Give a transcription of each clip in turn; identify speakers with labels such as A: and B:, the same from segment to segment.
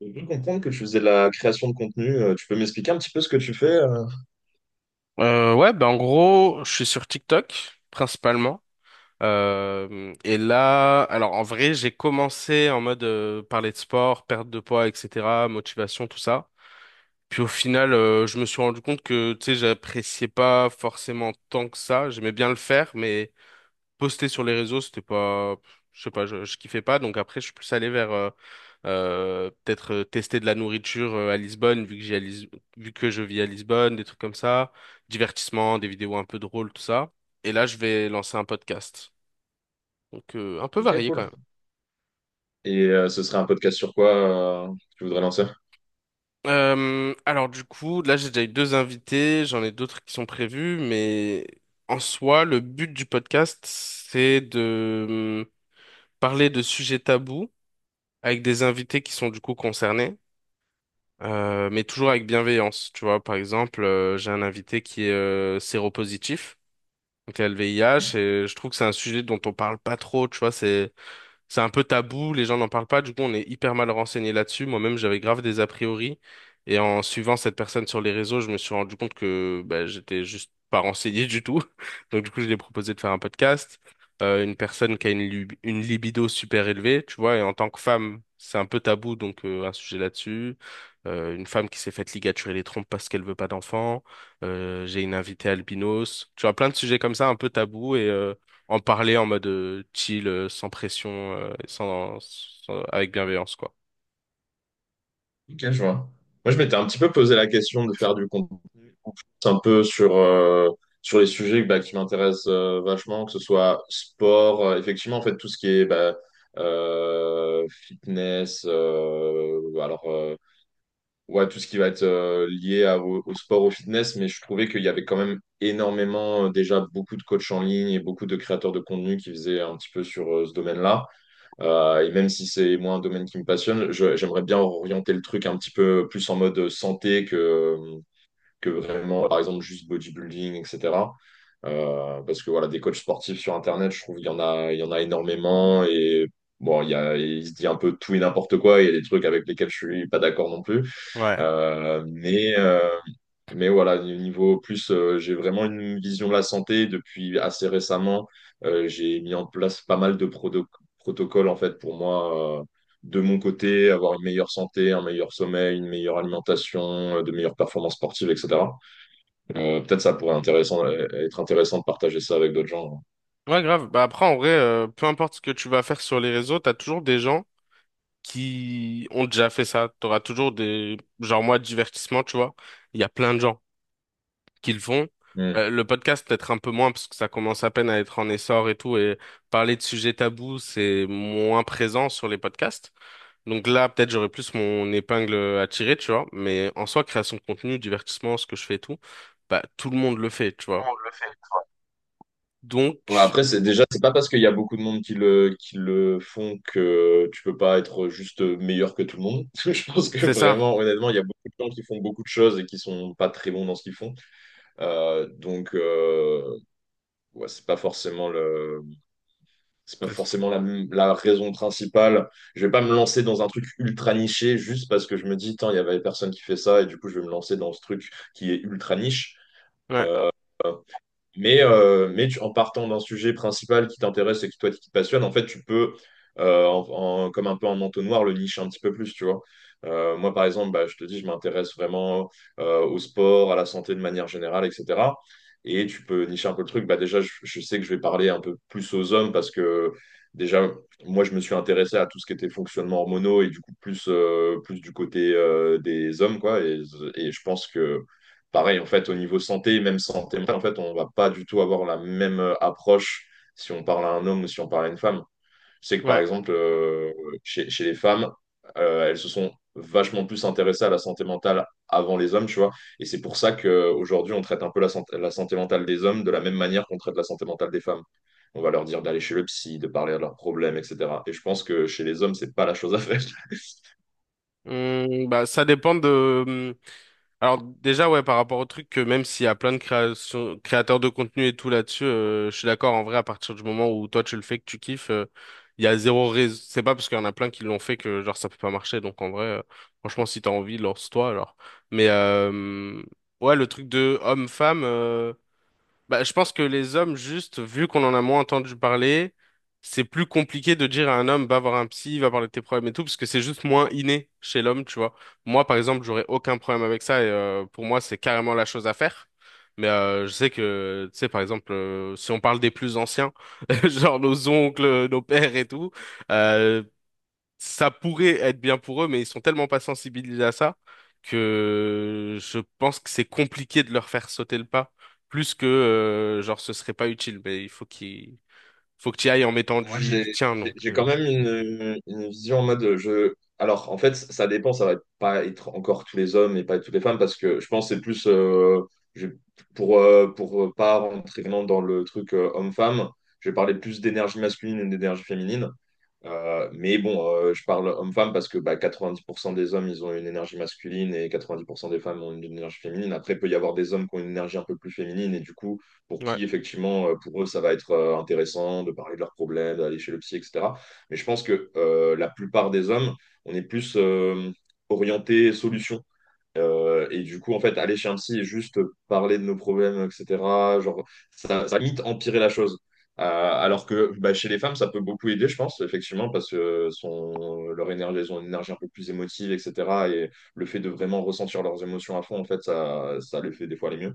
A: J'ai cru comprendre que tu faisais de la création de contenu. Tu peux m'expliquer un petit peu ce que tu fais?
B: Ouais, ben en gros, je suis sur TikTok principalement. Et là, alors en vrai, j'ai commencé en mode parler de sport, perte de poids, etc., motivation, tout ça. Puis au final, je me suis rendu compte que tu sais, j'appréciais pas forcément tant que ça. J'aimais bien le faire, mais poster sur les réseaux, c'était pas, je sais pas, je kiffais pas. Donc après, je suis plus allé vers peut-être tester de la nourriture à Lisbonne, vu que je vis à Lisbonne, des trucs comme ça, divertissement, des vidéos un peu drôles, tout ça. Et là, je vais lancer un podcast. Un peu
A: Ok,
B: varié quand
A: cool.
B: même.
A: Et ce serait un podcast sur quoi que tu voudrais lancer?
B: Alors du coup, là j'ai déjà eu deux invités, j'en ai d'autres qui sont prévus, mais en soi, le but du podcast, c'est de parler de sujets tabous avec des invités qui sont du coup concernés. Mais toujours avec bienveillance. Tu vois, par exemple, j'ai un invité qui est séropositif, donc il a le VIH, et je trouve que c'est un sujet dont on parle pas trop. Tu vois, c'est un peu tabou, les gens n'en parlent pas, du coup on est hyper mal renseigné là-dessus. Moi-même j'avais grave des a priori et en suivant cette personne sur les réseaux, je me suis rendu compte que bah, j'étais juste pas renseigné du tout. Donc du coup je lui ai proposé de faire un podcast. Une personne qui a une libido super élevée, tu vois, et en tant que femme, c'est un peu tabou, donc un sujet là-dessus. Une femme qui s'est faite ligaturer les trompes parce qu'elle veut pas d'enfant. J'ai une invitée albinos. Tu vois, plein de sujets comme ça, un peu tabou. En parler en mode chill, sans pression, avec bienveillance, quoi.
A: Ok, je vois. Moi, je m'étais un petit peu posé la question de faire du contenu un peu sur, sur les sujets qui m'intéressent vachement, que ce soit sport, effectivement, en fait, tout ce qui est bah, fitness, ouais, tout ce qui va être lié au, au sport, au fitness, mais je trouvais qu'il y avait quand même énormément, déjà beaucoup de coachs en ligne et beaucoup de créateurs de contenu qui faisaient un petit peu sur ce domaine-là. Et même si c'est moi un domaine qui me passionne, j'aimerais bien orienter le truc un petit peu plus en mode santé que vraiment, par exemple, juste bodybuilding, etc. Parce que voilà, des coachs sportifs sur Internet, je trouve qu'il y en a, il y en a énormément et bon, il se dit un peu tout et n'importe quoi. Il y a des trucs avec lesquels je suis pas d'accord non plus.
B: Ouais.
A: Euh, mais, euh, mais voilà, au niveau plus, j'ai vraiment une vision de la santé depuis assez récemment. J'ai mis en place pas mal de protocoles en fait pour moi. De mon côté, avoir une meilleure santé, un meilleur sommeil, une meilleure alimentation, de meilleures performances sportives, etc. Peut-être ça pourrait intéressant, être intéressant de partager ça avec d'autres gens.
B: Ouais, grave. Bah après, en vrai, peu importe ce que tu vas faire sur les réseaux, t'as toujours des gens qui ont déjà fait ça. T'auras toujours des... Genre moi, divertissement, tu vois. Il y a plein de gens qui le font.
A: Hmm.
B: Le podcast, peut-être un peu moins, parce que ça commence à peine à être en essor et tout. Et parler de sujets tabous, c'est moins présent sur les podcasts. Donc là, peut-être j'aurais plus mon épingle à tirer, tu vois. Mais en soi, création de contenu, divertissement, ce que je fais et tout, bah tout le monde le fait, tu vois.
A: On le fait. Ouais,
B: Donc
A: après, c'est déjà, c'est pas parce qu'il y a beaucoup de monde qui qui le font que tu peux pas être juste meilleur que tout le monde. Je pense que
B: c'est ça.
A: vraiment, honnêtement, il y a beaucoup de gens qui font beaucoup de choses et qui sont pas très bons dans ce qu'ils font. Euh, donc, euh, ouais, c'est pas
B: C'est-
A: forcément la, la raison principale. Je vais pas me lancer dans un truc ultra niché juste parce que je me dis, tiens, il y avait personne qui fait ça et du coup, je vais me lancer dans ce truc qui est ultra niche.
B: Ouais,
A: Mais, en partant d'un sujet principal qui t'intéresse et qui toi qui te passionne, en fait, tu peux, comme un peu en entonnoir, le nicher un petit peu plus, tu vois. Moi, par exemple, bah, je te dis, je m'intéresse vraiment au sport, à la santé de manière générale, etc. Et tu peux nicher un peu le truc. Bah, déjà, je sais que je vais parler un peu plus aux hommes parce que déjà, moi, je me suis intéressé à tout ce qui était fonctionnement hormonaux et du coup, plus, plus du côté des hommes, quoi. Et je pense que pareil, en fait, au niveau santé, même santé mentale, en fait, on va pas du tout avoir la même approche si on parle à un homme ou si on parle à une femme. Je sais que, par
B: ouais.
A: exemple, chez les femmes, elles se sont vachement plus intéressées à la santé mentale avant les hommes, tu vois. Et c'est pour ça qu'aujourd'hui, on traite un peu la santé mentale des hommes de la même manière qu'on traite la santé mentale des femmes. On va leur dire d'aller chez le psy, de parler de leurs problèmes, etc. Et je pense que chez les hommes, c'est pas la chose à faire.
B: Bah ça dépend de alors déjà ouais par rapport au truc que même s'il y a plein de créations, créateurs de contenu et tout là-dessus, je suis d'accord en vrai à partir du moment où toi tu le fais que tu kiffes, il y a zéro raison. C'est pas parce qu'il y en a plein qui l'ont fait que genre ça peut pas marcher. Donc en vrai, franchement si t'as envie lance-toi alors. Mais euh, ouais le truc de homme-femme. Bah, je pense que les hommes, juste, vu qu'on en a moins entendu parler, c'est plus compliqué de dire à un homme, va voir un psy, va parler de tes problèmes et tout, parce que c'est juste moins inné chez l'homme, tu vois. Moi, par exemple, j'aurais aucun problème avec ça, et pour moi, c'est carrément la chose à faire. Je sais que, tu sais, par exemple, si on parle des plus anciens, genre nos oncles, nos pères et tout, euh, ça pourrait être bien pour eux, mais ils sont tellement pas sensibilisés à ça que je pense que c'est compliqué de leur faire sauter le pas, plus que genre ce serait pas utile. Mais il faut qu'il faut que tu ailles en mettant
A: Moi,
B: du tien, donc
A: j'ai quand même une vision en mode je. Alors, en fait, ça dépend, ça va pas être encore tous les hommes et pas toutes les femmes, parce que je pense que c'est plus je- pour pas rentrer vraiment dans le truc homme-femme, je vais parler plus d'énergie masculine et d'énergie féminine. Je parle homme-femme parce que bah, 90% des hommes, ils ont une énergie masculine et 90% des femmes ont une énergie féminine. Après, il peut y avoir des hommes qui ont une énergie un peu plus féminine et du coup, pour
B: ouais.
A: qui, effectivement, pour eux, ça va être intéressant de parler de leurs problèmes, d'aller chez le psy, etc. Mais je pense que la plupart des hommes, on est plus orienté solution et du coup, en fait, aller chez un psy et juste parler de nos problèmes, etc., genre, ça va limite empirer la chose. Alors que bah, chez les femmes, ça peut beaucoup aider, je pense, effectivement, parce que son, leur énergie, elles ont une énergie un peu plus émotive, etc. Et le fait de vraiment ressentir leurs émotions à fond, en fait, ça les fait des fois aller mieux.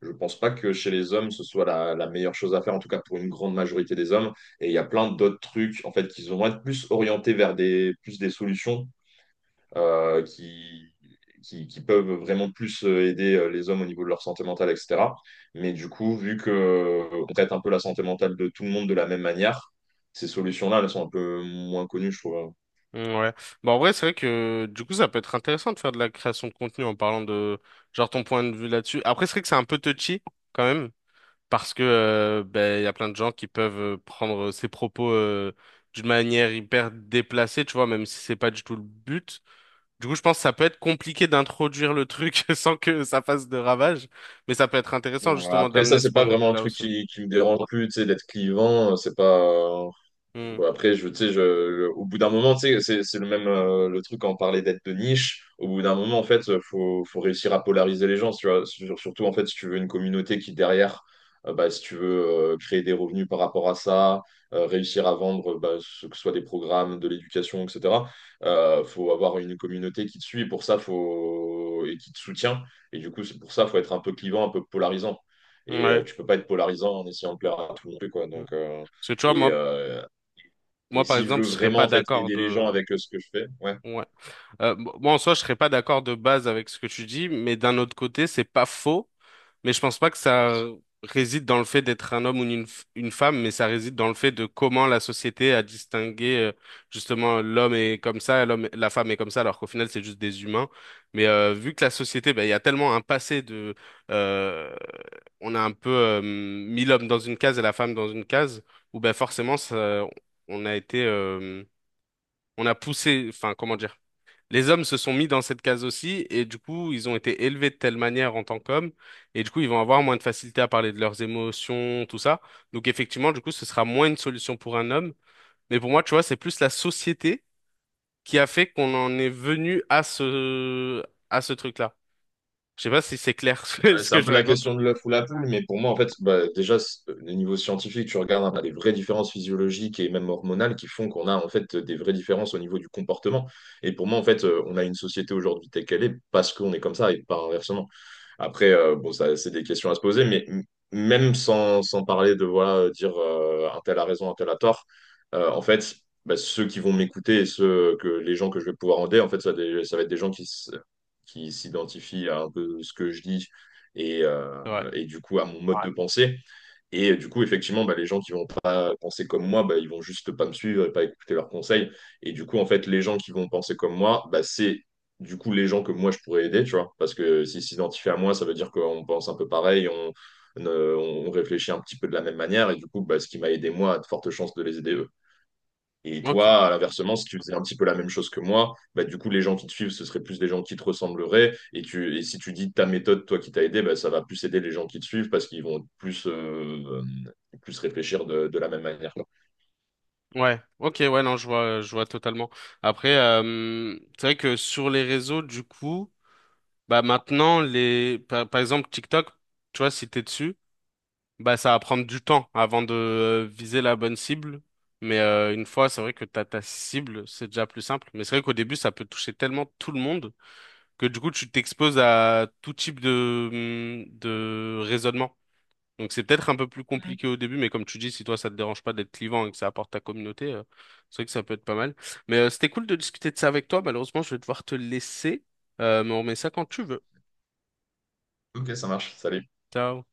A: Je pense pas que chez les hommes, ce soit la meilleure chose à faire, en tout cas pour une grande majorité des hommes. Et il y a plein d'autres trucs, en fait, qui vont être plus orientés vers plus des solutions euh, qui, qui peuvent vraiment plus aider les hommes au niveau de leur santé mentale, etc. Mais du coup, vu qu'on traite un peu la santé mentale de tout le monde de la même manière, ces solutions-là, elles sont un peu moins connues, je trouve.
B: Mmh, Ouais. Bah en vrai, c'est vrai que du coup, ça peut être intéressant de faire de la création de contenu en parlant de genre ton point de vue là-dessus. Après, c'est vrai que c'est un peu touchy quand même. Parce que ben, il y a plein de gens qui peuvent prendre ses propos d'une manière hyper déplacée, tu vois, même si c'est pas du tout le but. Du coup, je pense que ça peut être compliqué d'introduire le truc sans que ça fasse de ravages, mais ça peut être intéressant
A: Bon,
B: justement
A: après, ça,
B: d'amener ce
A: c'est
B: point
A: pas
B: de
A: vraiment un
B: vue-là
A: truc
B: aussi.
A: qui me dérange plus, tu sais, d'être clivant, c'est pas.
B: Hmm.
A: Bon, après, je, tu sais, je- au bout d'un moment, tu sais, c'est le même le truc quand on parlait d'être de niche. Au bout d'un moment, en fait, faut réussir à polariser les gens. Tu vois, surtout, en fait, si tu veux une communauté qui, derrière, si tu veux créer des revenus par rapport à ça, réussir à vendre, ce que ce soit des programmes, de l'éducation, etc., faut avoir une communauté qui te suit. Pour ça, faut... et qui te soutient. Et du coup, c'est pour ça, faut être un peu clivant, un peu polarisant. Et
B: Ouais.
A: tu peux pas être polarisant en essayant de plaire à tout le monde, quoi.
B: Hmm. Parce que tu vois,
A: Et,
B: moi,
A: euh, et
B: moi par
A: si je
B: exemple,
A: veux
B: je serais
A: vraiment
B: pas
A: en fait
B: d'accord
A: aider les gens
B: de.
A: avec ce que je fais, ouais.
B: Ouais. Bon, moi, en soi, je serais pas d'accord de base avec ce que tu dis, mais d'un autre côté, c'est pas faux. Mais je pense pas que ça réside dans le fait d'être un homme ou une femme, mais ça réside dans le fait de comment la société a distingué justement l'homme est comme ça, l'homme, la femme est comme ça, alors qu'au final, c'est juste des humains. Vu que la société, ben, il y a tellement un passé de, euh, on a un peu mis l'homme dans une case et la femme dans une case, où ben forcément, ça, on a été, euh, on a poussé, enfin, comment dire les hommes se sont mis dans cette case aussi, et du coup, ils ont été élevés de telle manière en tant qu'hommes, et du coup, ils vont avoir moins de facilité à parler de leurs émotions, tout ça. Donc, effectivement, du coup, ce sera moins une solution pour un homme. Mais pour moi, tu vois, c'est plus la société qui a fait qu'on en est venu à ce truc-là. Je sais pas si c'est clair ce
A: Ouais,
B: ce
A: c'est
B: que
A: un
B: je
A: peu la
B: raconte.
A: question de l'œuf ou la poule, mais pour moi en fait, bah, déjà au niveau scientifique, tu regardes hein, t'as des vraies différences physiologiques et même hormonales qui font qu'on a en fait des vraies différences au niveau du comportement. Et pour moi en fait, on a une société aujourd'hui telle qu'elle est parce qu'on est comme ça et pas inversement. Après, ça, c'est des questions à se poser, mais même sans, sans parler de voilà, dire un tel a raison, un tel a tort, en fait, bah, ceux qui vont m'écouter et ceux que les gens que je vais pouvoir aider, en fait, ça va être des gens qui s'identifient à un peu ce que je dis et, euh,
B: Ouais.
A: et du coup à mon mode Ouais. de pensée. Et du coup, effectivement, bah, les gens qui vont pas penser comme moi, bah, ils vont juste pas me suivre et pas écouter leurs conseils. Et du coup, en fait, les gens qui vont penser comme moi, bah, c'est du coup les gens que moi je pourrais aider, tu vois. Parce que s'ils s'identifient à moi, ça veut dire qu'on pense un peu pareil, on réfléchit un petit peu de la même manière, et du coup, bah, ce qui m'a aidé moi a de fortes chances de les aider eux. Et
B: Ok.
A: toi, à l'inversement, si tu faisais un petit peu la même chose que moi, bah, du coup, les gens qui te suivent, ce seraient plus des gens qui te ressembleraient. Et si tu dis ta méthode, toi qui t'as aidé, bah, ça va plus aider les gens qui te suivent parce qu'ils vont plus, plus réfléchir de la même manière.
B: Ouais. Ok. Ouais. Non, je vois totalement. Après, c'est vrai que sur les réseaux, du coup, bah maintenant par exemple TikTok, tu vois, si t'es dessus. Bah, ça va prendre du temps avant de viser la bonne cible. Une fois, c'est vrai que t'as ta cible, c'est déjà plus simple. Mais c'est vrai qu'au début, ça peut toucher tellement tout le monde que du coup, tu t'exposes à tout type de, de raisonnement. Donc c'est peut-être un peu plus compliqué au début, mais comme tu dis, si toi, ça te dérange pas d'être clivant et que ça apporte ta communauté, c'est vrai que ça peut être pas mal. C'était cool de discuter de ça avec toi. Malheureusement, je vais devoir te laisser. Mais on remet ça quand tu veux.
A: Ok, ça marche. Salut.
B: Ciao.